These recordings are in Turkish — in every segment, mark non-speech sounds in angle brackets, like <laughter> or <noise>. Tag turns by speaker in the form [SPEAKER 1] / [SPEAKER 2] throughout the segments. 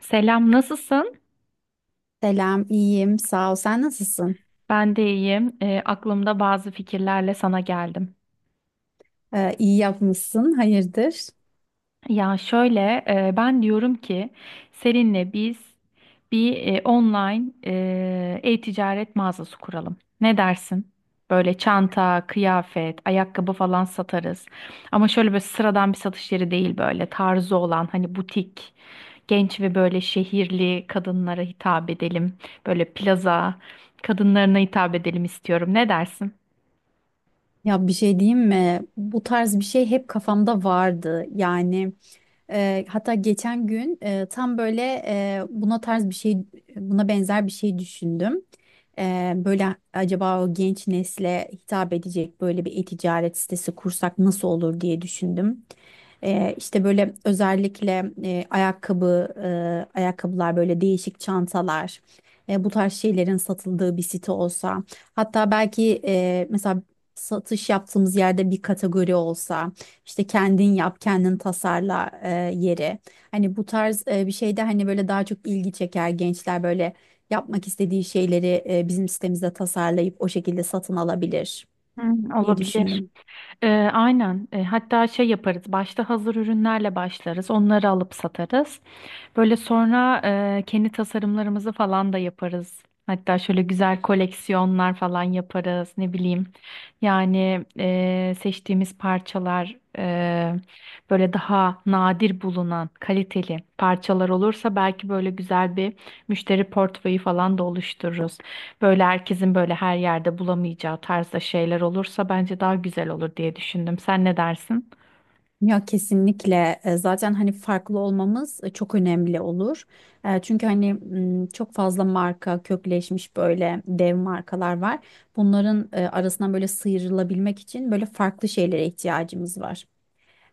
[SPEAKER 1] Selam, nasılsın?
[SPEAKER 2] Selam, iyiyim. Sağ ol. Sen nasılsın?
[SPEAKER 1] Ben de iyiyim. Aklımda bazı fikirlerle sana geldim.
[SPEAKER 2] İyi yapmışsın. Hayırdır?
[SPEAKER 1] Ya şöyle, ben diyorum ki seninle biz bir online e-ticaret mağazası kuralım. Ne dersin? Böyle çanta, kıyafet, ayakkabı falan satarız. Ama şöyle böyle sıradan bir satış yeri değil, böyle tarzı olan hani butik, genç ve böyle şehirli kadınlara hitap edelim. Böyle plaza kadınlarına hitap edelim istiyorum. Ne dersin?
[SPEAKER 2] Ya bir şey diyeyim mi? Bu tarz bir şey hep kafamda vardı. Yani, hatta geçen gün, tam böyle, buna tarz bir şey, buna benzer bir şey düşündüm. Böyle acaba o genç nesle hitap edecek böyle bir e-ticaret sitesi kursak nasıl olur diye düşündüm. İşte böyle özellikle, e, ayakkabılar böyle değişik çantalar, bu tarz şeylerin satıldığı bir site olsa. Hatta belki, mesela satış yaptığımız yerde bir kategori olsa, işte kendin yap, kendin tasarla yeri. Hani bu tarz bir şeyde hani böyle daha çok ilgi çeker, gençler böyle yapmak istediği şeyleri bizim sitemizde tasarlayıp o şekilde satın alabilir
[SPEAKER 1] Hı,
[SPEAKER 2] diye
[SPEAKER 1] olabilir.
[SPEAKER 2] düşündüm.
[SPEAKER 1] Ee, aynen. Hatta şey yaparız. Başta hazır ürünlerle başlarız. Onları alıp satarız. Böyle sonra kendi tasarımlarımızı falan da yaparız. Hatta şöyle güzel koleksiyonlar falan yaparız. Ne bileyim. Yani seçtiğimiz parçalar, böyle daha nadir bulunan kaliteli parçalar olursa belki böyle güzel bir müşteri portföyü falan da oluştururuz. Böyle herkesin böyle her yerde bulamayacağı tarzda şeyler olursa bence daha güzel olur diye düşündüm. Sen ne dersin?
[SPEAKER 2] Ya kesinlikle. Zaten hani farklı olmamız çok önemli olur. Çünkü hani, çok fazla marka kökleşmiş, böyle dev markalar var. Bunların arasından böyle sıyrılabilmek için böyle farklı şeylere ihtiyacımız var.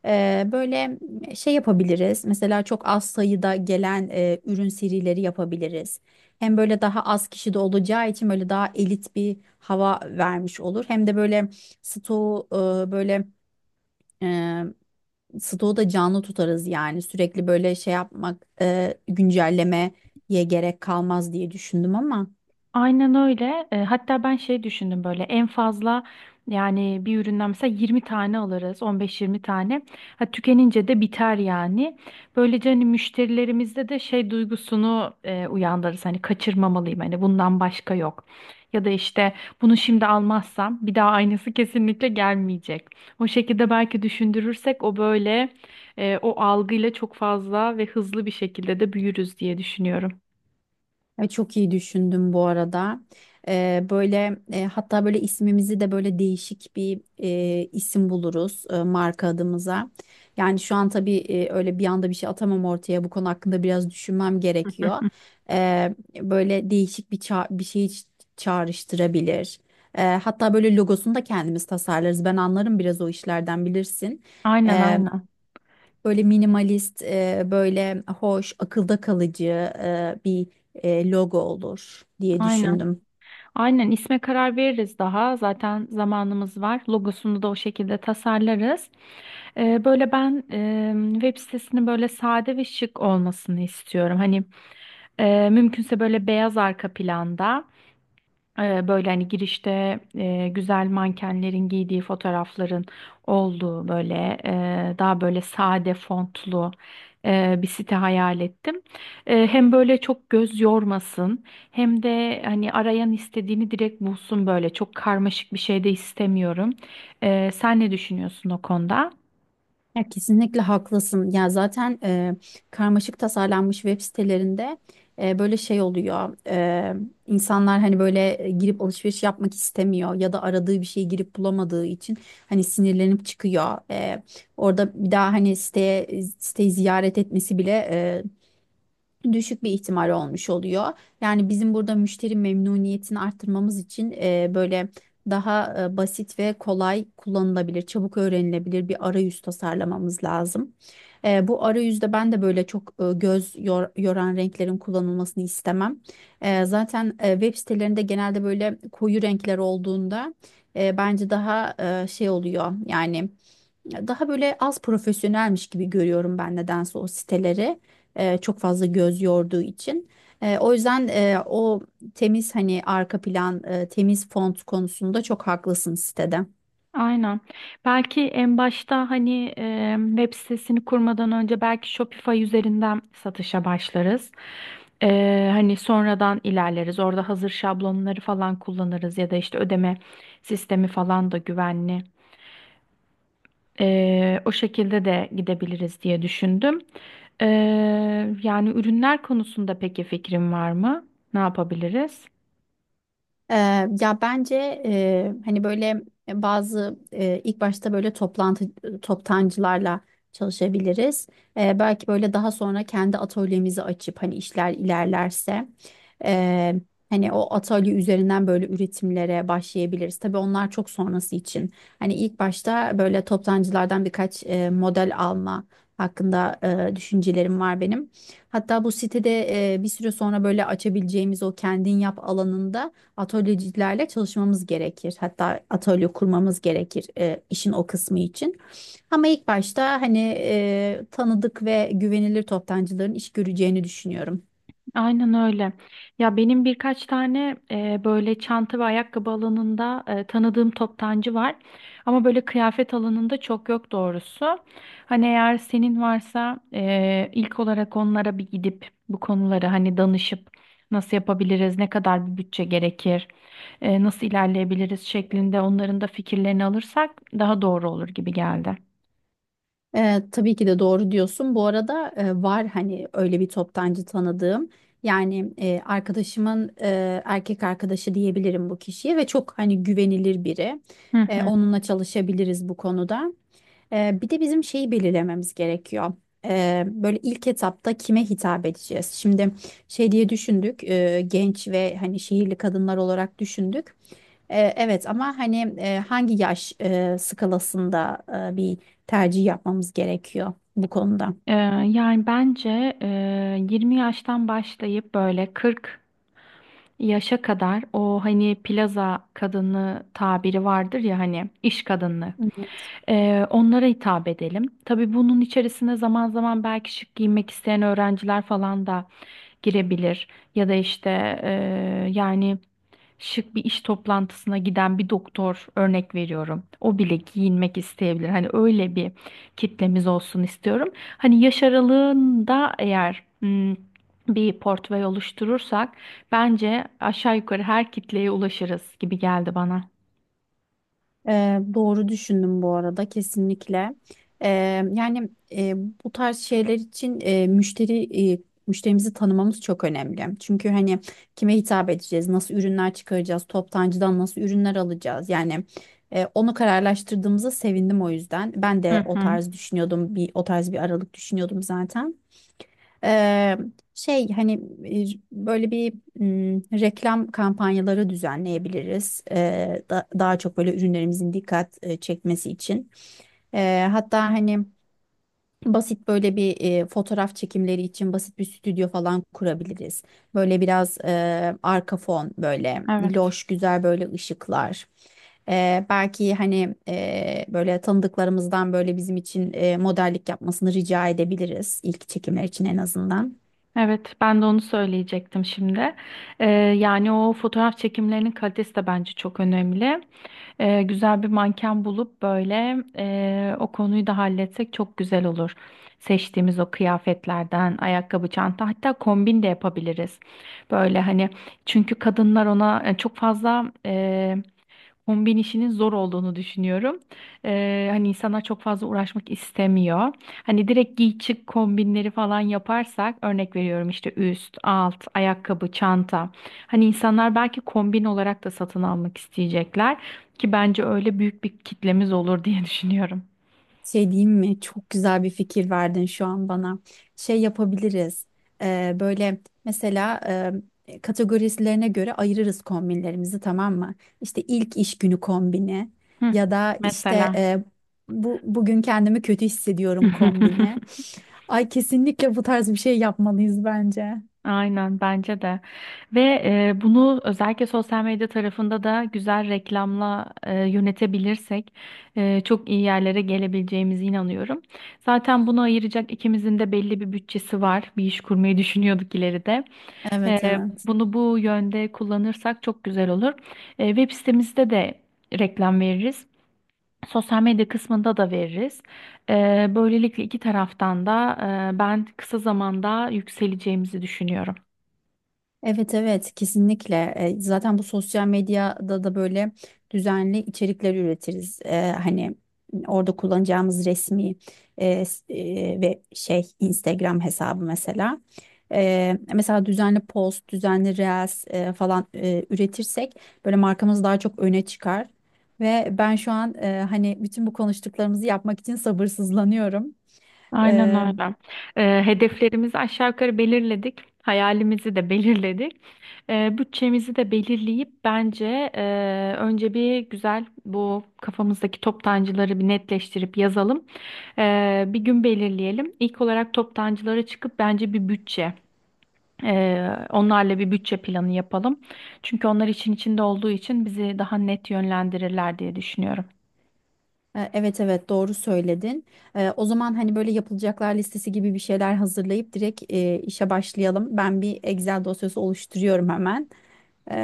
[SPEAKER 2] Böyle şey yapabiliriz. Mesela çok az sayıda gelen ürün serileri yapabiliriz. Hem böyle daha az kişi de olacağı için böyle daha elit bir hava vermiş olur. Hem de böyle stoğu eee, böyle eee stoğu da canlı tutarız yani. Sürekli böyle şey yapmak, güncellemeye gerek kalmaz diye düşündüm ama.
[SPEAKER 1] Aynen öyle. Hatta ben şey düşündüm, böyle en fazla, yani bir üründen mesela 20 tane alırız, 15-20 tane. Ha, tükenince de biter yani. Böylece hani müşterilerimizde de şey duygusunu uyandırırız. Hani kaçırmamalıyım, hani bundan başka yok. Ya da işte bunu şimdi almazsam bir daha aynısı kesinlikle gelmeyecek. O şekilde belki düşündürürsek, o böyle, o algıyla çok fazla ve hızlı bir şekilde de büyürüz diye düşünüyorum.
[SPEAKER 2] Ay, çok iyi düşündüm bu arada. Böyle, hatta böyle ismimizi de böyle değişik bir isim buluruz, marka adımıza. Yani şu an tabii, öyle bir anda bir şey atamam ortaya. Bu konu hakkında biraz düşünmem gerekiyor.
[SPEAKER 1] <laughs>
[SPEAKER 2] Ee, Böyle değişik bir bir şey çağrıştırabilir. Hatta böyle logosunu da kendimiz tasarlarız. Ben anlarım biraz o işlerden, bilirsin.
[SPEAKER 1] Aynen, aynen.
[SPEAKER 2] Böyle minimalist, böyle hoş, akılda kalıcı, bir logo olur diye
[SPEAKER 1] Aynen.
[SPEAKER 2] düşündüm.
[SPEAKER 1] Aynen, isme karar veririz daha. Zaten zamanımız var. Logosunu da o şekilde tasarlarız. Böyle ben web sitesinin böyle sade ve şık olmasını istiyorum. Hani mümkünse böyle beyaz arka planda. Böyle hani girişte güzel mankenlerin giydiği fotoğrafların olduğu, böyle daha böyle sade fontlu bir site hayal ettim. Hem böyle çok göz yormasın hem de hani arayan istediğini direkt bulsun, böyle çok karmaşık bir şey de istemiyorum. Sen ne düşünüyorsun o konuda?
[SPEAKER 2] Ya kesinlikle haklısın. Ya zaten, karmaşık tasarlanmış web sitelerinde, böyle şey oluyor. İnsanlar hani böyle, girip alışveriş yapmak istemiyor ya da aradığı bir şeyi girip bulamadığı için hani sinirlenip çıkıyor. Orada bir daha hani siteyi ziyaret etmesi bile düşük bir ihtimal olmuş oluyor. Yani bizim burada müşteri memnuniyetini arttırmamız için, böyle daha, basit ve kolay kullanılabilir, çabuk öğrenilebilir bir arayüz tasarlamamız lazım. Bu arayüzde ben de böyle çok, göz yoran renklerin kullanılmasını istemem. Zaten, web sitelerinde genelde böyle koyu renkler olduğunda, bence daha, şey oluyor yani, daha böyle az profesyonelmiş gibi görüyorum ben nedense o siteleri, çok fazla göz yorduğu için. O yüzden, o temiz hani arka plan, temiz font konusunda çok haklısın sitede.
[SPEAKER 1] Aynen. Belki en başta, hani web sitesini kurmadan önce belki Shopify üzerinden satışa başlarız. Hani sonradan ilerleriz. Orada hazır şablonları falan kullanırız ya da işte ödeme sistemi falan da güvenli. O şekilde de gidebiliriz diye düşündüm. E, yani ürünler konusunda peki fikrin var mı? Ne yapabiliriz?
[SPEAKER 2] Ya bence, hani böyle, bazı, ilk başta böyle toptancılarla çalışabiliriz. Belki böyle daha sonra kendi atölyemizi açıp hani işler ilerlerse, e, hani o atölye üzerinden böyle üretimlere başlayabiliriz. Tabii onlar çok sonrası için. Hani ilk başta böyle toptancılardan birkaç model alma hakkında, düşüncelerim var benim. Hatta bu sitede, bir süre sonra böyle açabileceğimiz o kendin yap alanında atölyecilerle çalışmamız gerekir. Hatta atölye kurmamız gerekir, işin o kısmı için. Ama ilk başta hani, tanıdık ve güvenilir toptancıların iş göreceğini düşünüyorum.
[SPEAKER 1] Aynen öyle. Ya benim birkaç tane böyle çanta ve ayakkabı alanında tanıdığım toptancı var. Ama böyle kıyafet alanında çok yok doğrusu. Hani eğer senin varsa ilk olarak onlara bir gidip bu konuları hani danışıp nasıl yapabiliriz, ne kadar bir bütçe gerekir, nasıl ilerleyebiliriz şeklinde, onların da fikirlerini alırsak daha doğru olur gibi geldi.
[SPEAKER 2] Tabii ki de doğru diyorsun. Bu arada, var hani öyle bir toptancı tanıdığım. Yani, arkadaşımın erkek arkadaşı diyebilirim bu kişiye ve çok hani güvenilir biri.
[SPEAKER 1] Hı hı.
[SPEAKER 2] Onunla çalışabiliriz bu konuda. Bir de bizim şeyi belirlememiz gerekiyor. Böyle ilk etapta kime hitap edeceğiz? Şimdi şey diye düşündük, genç ve hani şehirli kadınlar olarak düşündük. Evet ama hani, hangi yaş skalasında, bir tercih yapmamız gerekiyor bu konuda?
[SPEAKER 1] Ee, yani bence, 20 yaştan başlayıp böyle 40 yaşa kadar, o hani plaza kadını tabiri vardır ya, hani iş kadını. Onlara hitap edelim. Tabii bunun içerisine zaman zaman belki şık giymek isteyen öğrenciler falan da girebilir. Ya da işte yani şık bir iş toplantısına giden bir doktor, örnek veriyorum. O bile giyinmek isteyebilir. Hani öyle bir kitlemiz olsun istiyorum. Hani yaş aralığında, eğer bir portföy oluşturursak bence aşağı yukarı her kitleye ulaşırız gibi geldi bana.
[SPEAKER 2] Doğru düşündüm bu arada kesinlikle. Ee, Yani, bu tarz şeyler için, müşterimizi tanımamız çok önemli. Çünkü hani kime hitap edeceğiz, nasıl ürünler çıkaracağız, toptancıdan nasıl ürünler alacağız. Yani, onu kararlaştırdığımıza sevindim o yüzden. Ben
[SPEAKER 1] Hı
[SPEAKER 2] de o
[SPEAKER 1] hı,
[SPEAKER 2] tarz düşünüyordum, o tarz bir aralık düşünüyordum zaten. Eee, Şey hani, böyle bir, reklam kampanyaları düzenleyebiliriz. Daha çok böyle ürünlerimizin dikkat çekmesi için. Hatta hani basit, böyle bir fotoğraf çekimleri için basit bir stüdyo falan kurabiliriz. Böyle biraz, arka fon böyle
[SPEAKER 1] evet.
[SPEAKER 2] loş, güzel böyle ışıklar. Belki hani, böyle tanıdıklarımızdan böyle bizim için modellik yapmasını rica edebiliriz, ilk çekimler için en azından.
[SPEAKER 1] Evet, ben de onu söyleyecektim şimdi. Ee, yani o fotoğraf çekimlerinin kalitesi de bence çok önemli. Güzel bir manken bulup böyle, o konuyu da halletsek çok güzel olur. Seçtiğimiz o kıyafetlerden, ayakkabı, çanta, hatta kombin de yapabiliriz. Böyle hani çünkü kadınlar ona çok fazla, kombin işinin zor olduğunu düşünüyorum. Hani insanlar çok fazla uğraşmak istemiyor. Hani direkt giy çık kombinleri falan yaparsak, örnek veriyorum, işte üst, alt, ayakkabı, çanta. Hani insanlar belki kombin olarak da satın almak isteyecekler, ki bence öyle büyük bir kitlemiz olur diye düşünüyorum.
[SPEAKER 2] Şey diyeyim mi? Çok güzel bir fikir verdin şu an bana. Şey yapabiliriz. Böyle mesela, kategorilerine göre ayırırız kombinlerimizi, tamam mı? İşte ilk iş günü kombini,
[SPEAKER 1] Hı,
[SPEAKER 2] ya da işte,
[SPEAKER 1] mesela.
[SPEAKER 2] bu bugün kendimi kötü hissediyorum kombini.
[SPEAKER 1] <laughs>
[SPEAKER 2] Ay, kesinlikle bu tarz bir şey yapmalıyız bence.
[SPEAKER 1] Aynen, bence de. Ve bunu özellikle sosyal medya tarafında da güzel reklamla yönetebilirsek, çok iyi yerlere gelebileceğimize inanıyorum. Zaten bunu ayıracak ikimizin de belli bir bütçesi var. Bir iş kurmayı düşünüyorduk ileride.
[SPEAKER 2] Evet,
[SPEAKER 1] E,
[SPEAKER 2] evet.
[SPEAKER 1] bunu bu yönde kullanırsak çok güzel olur. Web sitemizde de reklam veririz. Sosyal medya kısmında da veririz. Böylelikle iki taraftan da, ben kısa zamanda yükseleceğimizi düşünüyorum.
[SPEAKER 2] Evet, evet, kesinlikle. Zaten bu sosyal medyada da böyle düzenli içerikler üretiriz. Hani orada kullanacağımız resmi, ve şey Instagram hesabı mesela. Mesela düzenli post, düzenli reels falan üretirsek böyle markamız daha çok öne çıkar ve ben şu an, hani bütün bu konuştuklarımızı yapmak için sabırsızlanıyorum.
[SPEAKER 1] Aynen öyle. Hedeflerimizi aşağı yukarı belirledik. Hayalimizi de belirledik. Bütçemizi de belirleyip bence, e, önce bir güzel bu kafamızdaki toptancıları bir netleştirip yazalım. Bir gün belirleyelim. İlk olarak toptancılara çıkıp bence bir bütçe, onlarla bir bütçe planı yapalım. Çünkü onlar için içinde olduğu için bizi daha net yönlendirirler diye düşünüyorum.
[SPEAKER 2] Evet, evet, doğru söyledin. O zaman hani böyle yapılacaklar listesi gibi bir şeyler hazırlayıp direkt işe başlayalım. Ben bir Excel dosyası oluşturuyorum hemen. E,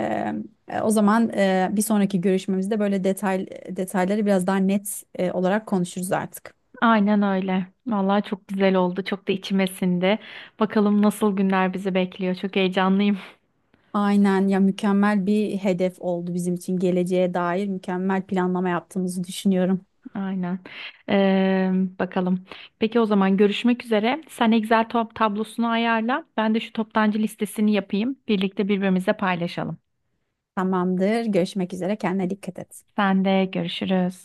[SPEAKER 2] O zaman, bir sonraki görüşmemizde böyle detayları biraz daha net olarak konuşuruz artık.
[SPEAKER 1] Aynen öyle. Vallahi çok güzel oldu. Çok da içime sindi. Bakalım nasıl günler bizi bekliyor. Çok heyecanlıyım.
[SPEAKER 2] Aynen ya, mükemmel bir hedef oldu bizim için, geleceğe dair mükemmel planlama yaptığımızı düşünüyorum.
[SPEAKER 1] <laughs> Aynen. Ee, bakalım. Peki o zaman, görüşmek üzere. Sen Excel top tablosunu ayarla. Ben de şu toptancı listesini yapayım. Birlikte birbirimize paylaşalım.
[SPEAKER 2] Tamamdır. Görüşmek üzere. Kendine dikkat et.
[SPEAKER 1] Sen de görüşürüz.